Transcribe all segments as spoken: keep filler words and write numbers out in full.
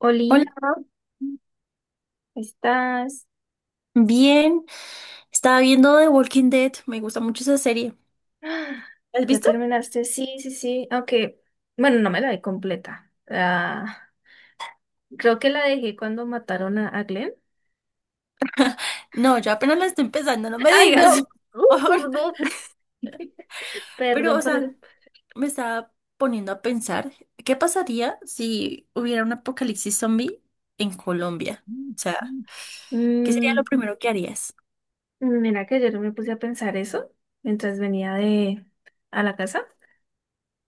Oli, Hola, ¿estás? bien. Estaba viendo The Walking Dead. Me gusta mucho esa serie. ¡Ah! ¿La has ¿Ya visto? terminaste? Sí, sí, sí. Aunque, bueno, no me la vi completa. Ah, creo que la dejé cuando mataron a, a Glenn. No, yo apenas la estoy empezando, no me ¡Ay, digas. no! ¡Uh, por favor. perdón! Pero, Perdón o por sea, el... me estaba poniendo a pensar, ¿qué pasaría si hubiera un apocalipsis zombie en Colombia? O sea, ¿qué sería lo Mm, primero que harías? mira que ayer me puse a pensar eso mientras venía de a la casa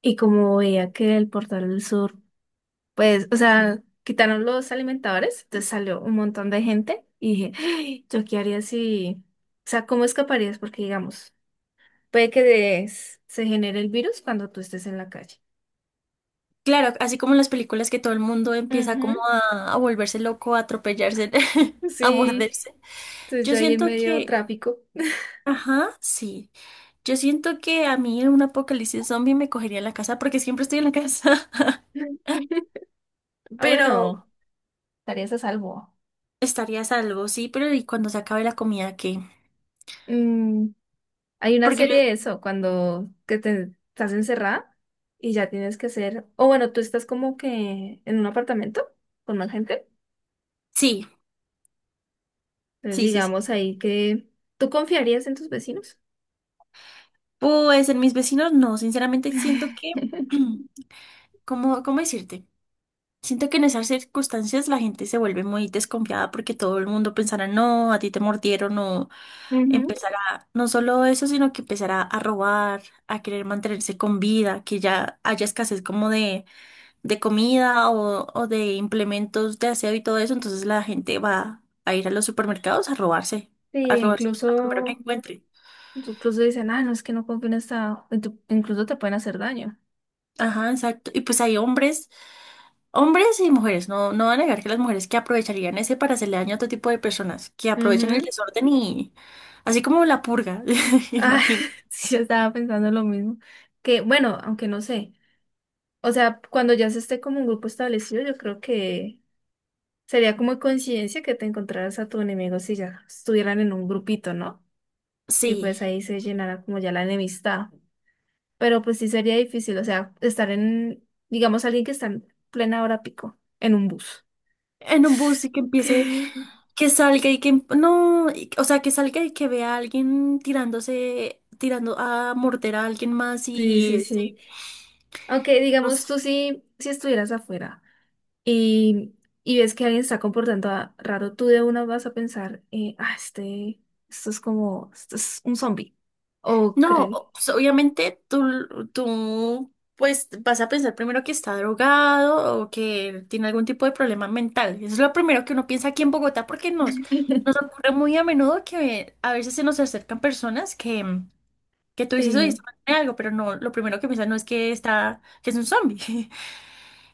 y como veía que el portal del sur pues, o sea, quitaron los alimentadores, entonces salió un montón de gente y dije, "Ay, ¿yo qué haría si, o sea, ¿cómo escaparías? Porque, digamos, puede que des- se genere el virus cuando tú estés en la calle. Claro, así como en las películas que todo el mundo empieza como Ujú. a, a volverse loco, a atropellarse, a Sí, morderse. entonces Yo yo ahí en siento medio de que, tráfico. ajá, sí. Yo siento que a mí en un apocalipsis zombie me cogería en la casa porque siempre estoy en la casa, Ah, pero bueno, estarías a salvo. estaría a salvo, sí, pero ¿y cuando se acabe la comida qué? Mm, hay una Porque yo, serie de eso, cuando que te estás encerrada y ya tienes que hacer, o bueno, tú estás como que en un apartamento con más gente. sí, Entonces, sí, sí, sí. digamos ahí que tú confiarías en tus vecinos. Pues en mis vecinos no, sinceramente siento que, ¿cómo, cómo decirte? Siento que en esas circunstancias la gente se vuelve muy desconfiada porque todo el mundo pensará, no, a ti te mordieron o Ujú. empezará, no solo eso, sino que empezará a robar, a querer mantenerse con vida, que ya haya escasez como de de comida o, o de implementos de aseo y todo eso, entonces la gente va a ir a los supermercados a robarse, a Sí, robarse lo primero que incluso, encuentre. incluso dicen, ah, no, es que no confío en esta, en tu- incluso te pueden hacer daño. Ajá, exacto. Y pues hay hombres, hombres y mujeres, no, no voy a negar que las mujeres que aprovecharían ese para hacerle daño a otro tipo de personas, que aprovechan el Ujú. desorden y así como la purga, Ah, imagino. sí, yo estaba pensando lo mismo. Que bueno, aunque no sé. O sea, cuando ya se esté como un grupo establecido, yo creo que sería como coincidencia que te encontraras a tu enemigo si ya estuvieran en un grupito, ¿no? Y Sí, pues ahí se llenará como ya la enemistad. Pero pues sí sería difícil, o sea, estar en, digamos, alguien que está en plena hora pico, en un bus. en un bus y que empiece, Que- que salga y que, em- no, y- o sea, que salga y que vea a alguien tirándose, tirando a morder a alguien más Sí, sí, y, sí. Aunque no digamos, sé. tú sí, si estuvieras afuera y, y ves que alguien está comportando a- raro, tú de una vas a pensar, eh, ah, este, esto es como, esto es un zombie. O cree. No, pues obviamente tú, tú, pues vas a pensar primero que está drogado o que tiene algún tipo de problema mental. Eso es lo primero que uno piensa aquí en Bogotá porque nos, nos ocurre muy a menudo que a veces se nos acercan personas que, que tú dices, oye, Sí, este man tiene algo, pero no, lo primero que piensas no es que está, que es un zombie.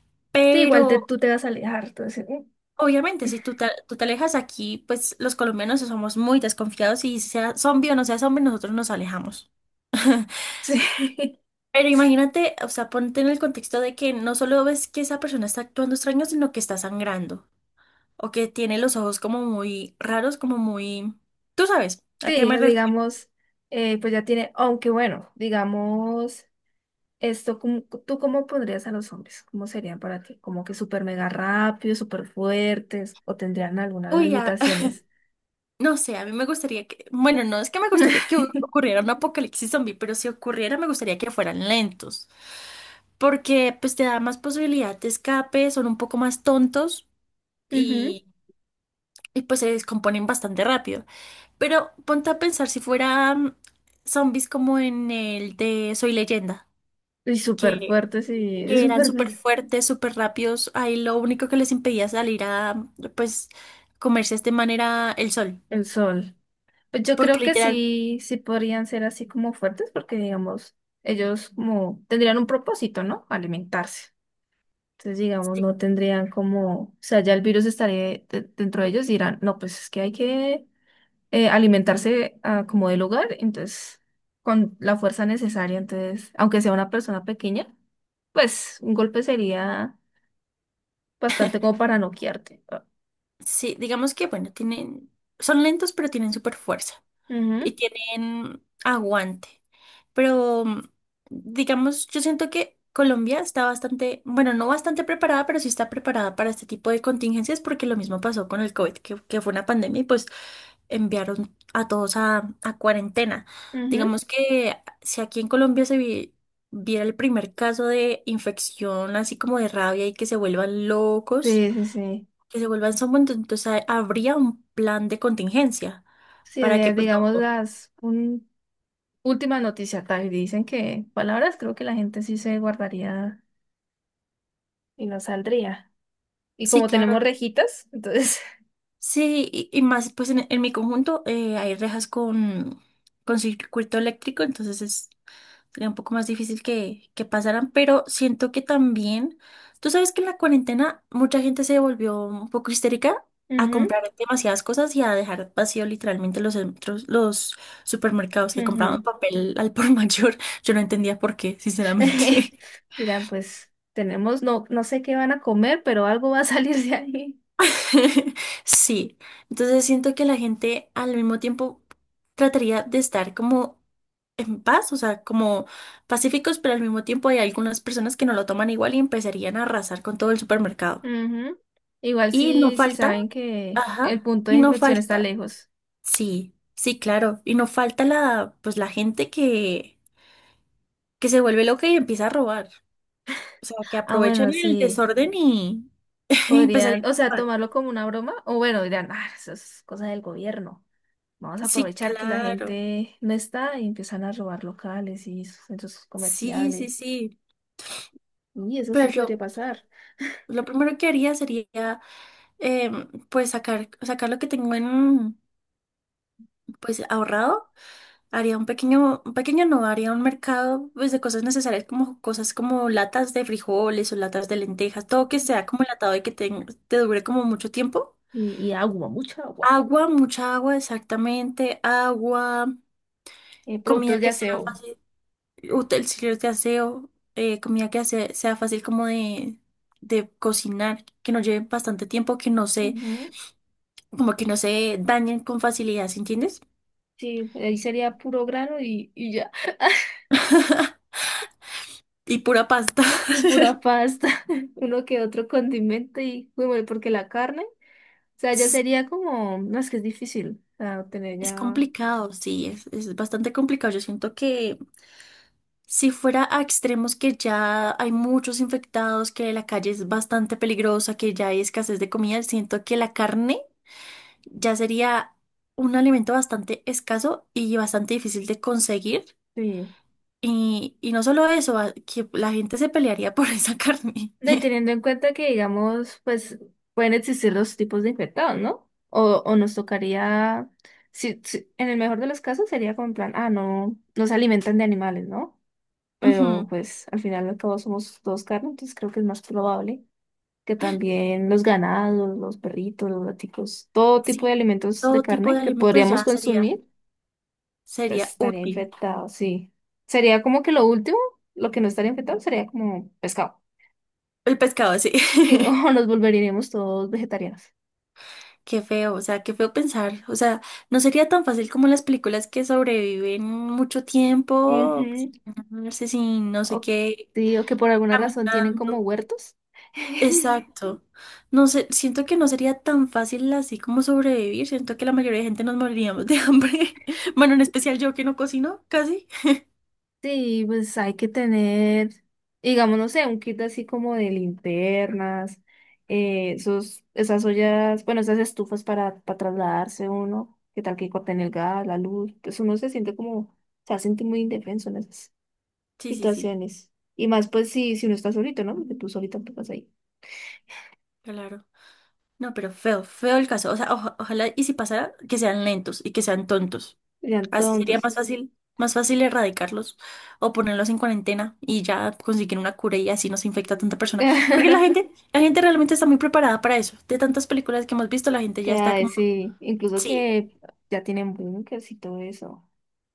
sí, igual te, Pero tú te vas a alejar, entonces, mm, obviamente si tú te, tú te alejas aquí, pues los colombianos somos muy desconfiados y sea zombie o no sea zombie, nosotros nos alejamos. sí, Pero imagínate, o sea, ponte en el contexto de que no solo ves que esa persona está actuando extraño, sino que está sangrando o que tiene los ojos como muy raros, como muy... Tú sabes, ¿a qué sí, me o refiero? digamos, eh, pues ya tiene, aunque bueno, digamos. Esto, ¿cómo- ¿tú cómo pondrías a los hombres? ¿Cómo serían para ti? ¿Como que súper mega rápidos, súper fuertes? ¿O tendrían algunas Uy, a- limitaciones? no sé, a mí me gustaría que... Bueno, no es que me gustaría que ocurriera un apocalipsis zombie, pero si ocurriera me gustaría que fueran lentos, porque pues te da más posibilidad de escape, son un poco más tontos Ujú. y, y pues se descomponen bastante rápido. Pero ponte a pensar si fueran zombies como en el de Soy Leyenda, Y súper que, fuertes y que eran súper súper mega- fuertes, súper rápidos. Ahí lo único que les impedía salir a, pues, comerse de manera el sol. el sol. Pues yo Porque creo que literal, sí, sí podrían ser así como fuertes porque, digamos, ellos como tendrían un propósito, ¿no? Alimentarse. Entonces, digamos, sí, no tendrían como, o sea, ya el virus estaría de- dentro de ellos y dirán, no, pues es que hay que eh, alimentarse ah, como del hogar, entonces con la fuerza necesaria, entonces, aunque sea una persona pequeña, pues un golpe sería bastante como para noquearte. Ah. sí, digamos que, bueno, tienen, son lentos, pero tienen súper fuerza, y tienen aguante. Pero, mm, digamos, yo siento que Colombia está bastante, bueno, no bastante preparada, pero sí está preparada para este tipo de contingencias porque lo mismo pasó con el COVID, que, que fue una pandemia y pues enviaron a todos a, a cuarentena. Ujú, ujú. Digamos que si aquí en Colombia se vi- viera el primer caso de infección, así como de rabia y que se vuelvan locos, Sí, sí, sí. que se vuelvan zombies, entonces ha- habría un plan de contingencia Sí, para que de- pues digamos no. las un, última noticia, tal, dicen que palabras creo que la gente sí se guardaría y no saldría. Y Sí, como claro. tenemos rejitas, entonces... Sí, y, y más, pues en, en mi conjunto eh, hay rejas con, con circuito eléctrico, entonces es, sería un poco más difícil que, que pasaran, pero siento que también, tú sabes que en la cuarentena mucha gente se volvió un poco histérica a Ujú, comprar demasiadas cosas y a dejar vacío literalmente los centros, los supermercados que compraban ujú. papel al por mayor. Yo no entendía por qué, sinceramente. Dirán, pues tenemos, no, no sé qué van a comer, pero algo va a salir de ahí. Sí, entonces siento que la gente al mismo tiempo trataría de estar como en paz, o sea, como pacíficos, pero al mismo tiempo hay algunas personas que no lo toman igual y empezarían a arrasar con todo el supermercado. Ujú. Igual Y no si si falta, saben que el ajá, punto y de no infección está falta, lejos. sí, sí, claro, y no falta la, pues la gente que, que se vuelve loca y empieza a robar, o sea, que Ah, aprovechan bueno, el sí, desorden y, y podrían, empezarían o sea, a robar. tomarlo como una broma, o bueno, dirán, ah, eso es cosa del gobierno. Vamos a Sí, aprovechar que la claro, gente no está y empiezan a robar locales y sus centros sí, sí, comerciales. sí, Y eso sí pero podría yo... pasar. Lo primero que haría sería, em, pues, sacar, sacar lo que tengo en, pues, ahorrado. Haría un pequeño, un pequeño no, haría un mercado, pues, de cosas necesarias, como cosas como latas de frijoles o latas de lentejas, todo que sea como enlatado y que te, te dure como mucho tiempo. Y, y agua, mucha agua. Agua, mucha agua, exactamente. Agua, Eh, productos comida de que sea aseo. fácil, utensilios de aseo, eh, comida que sea, sea fácil como de, de cocinar, que no lleve bastante tiempo, que no se Ujú. como que no se dañen con facilidad, ¿sí entiendes? Sí, ahí sería puro grano y, y ya, Y pura pasta. y pura pasta, uno que otro condimento y, uy, bueno, porque la carne, o sea, ya Es, sería como, no, es que es difícil, o sea, tener es ya, complicado, sí, es, es bastante complicado. Yo siento que si fuera a extremos que ya hay muchos infectados, que la calle es bastante peligrosa, que ya hay escasez de comida, siento que la carne ya sería un alimento bastante escaso y bastante difícil de conseguir. sí. Y, y no solo eso, a- que la gente se pelearía por esa carne. No, y teniendo en cuenta que, digamos, pues, pueden existir dos tipos de infectados, ¿no? O, o nos tocaría, si, si- en el mejor de los casos sería como en plan, ah, no, no se alimentan de animales, ¿no? Pero, Ujú, pues, al final y al cabo somos dos carnes, entonces creo que es más probable. Que también los ganados, los perritos, los gaticos, todo tipo de sí, alimentos de todo tipo carne de que alimentos podríamos ya sería. consumir, pues Sería estaría útil. infectado, sí. Sería como que lo último, lo que no estaría infectado sería como pescado. El pescado, sí. Digo, nos volveríamos todos vegetarianos. Qué feo, o sea, qué feo pensar. O sea, no sería tan fácil como las películas que sobreviven mucho tiempo, Ujú. no sé si no sé O, qué, sí, o que por alguna razón tienen como caminando. huertos. Exacto. No sé, siento que no sería tan fácil así como sobrevivir. Siento que la mayoría de gente nos moriríamos de hambre. Bueno, en especial yo que no cocino, casi. Sí, pues hay que tener, digamos, no sé, un kit así como de linternas, eh, esos, esas ollas, bueno, esas estufas para, para trasladarse uno, que tal que corten el gas, la luz, pues uno se siente como, se siente muy indefenso en esas Sí, sí, sí, situaciones. Y más pues si, si uno está solito, ¿no? Porque tú solita te vas ahí. claro. No, pero feo, feo el caso. O sea, oja- ojalá y si pasara, que sean lentos y que sean tontos. Serían Así sería tontos. más fácil, más fácil erradicarlos o ponerlos en cuarentena y ya conseguir una cura y así no se infecta a tanta persona. Porque la gente, la gente realmente está muy preparada para eso. De tantas películas que hemos visto, la gente ya Que está hay, como, sí, incluso sí, que ya tienen bunkers y todo eso.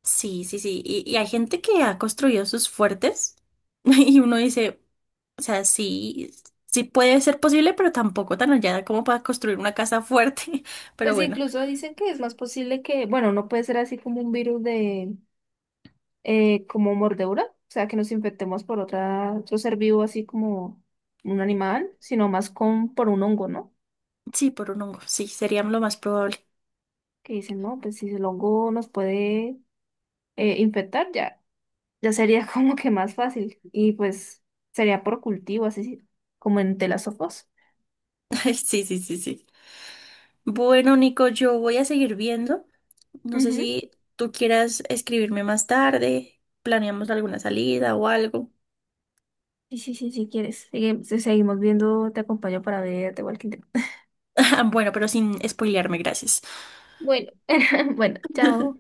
sí, sí, sí. Y, y hay gente que ha construido sus fuertes y uno dice, o sea, sí, sí puede ser posible, pero tampoco tan allá como para construir una casa fuerte. Pero Pues bueno, incluso dicen que es más posible que, bueno, no puede ser así como un virus de, eh, como mordedura, o sea, que nos infectemos por otra, otro ser vivo así como un animal, sino más con, por un hongo, ¿no? sí, por un hongo, sí, sería lo más probable. Que dicen, no, pues si el hongo nos puede eh, infectar, ya, ya sería como que más fácil. Y pues sería por cultivo, así como en telasofos. Sí, sí, sí, sí. Bueno, Nico, yo voy a seguir viendo. No sé Ujú. si tú quieras escribirme más tarde, planeamos alguna salida o algo. Sí, sí, sí, si quieres. Sigue- seguimos viendo, te acompaño para ver The Walking Dead. Bueno, pero sin spoilearme, gracias. Bueno, bueno, chao.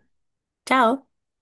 Chao.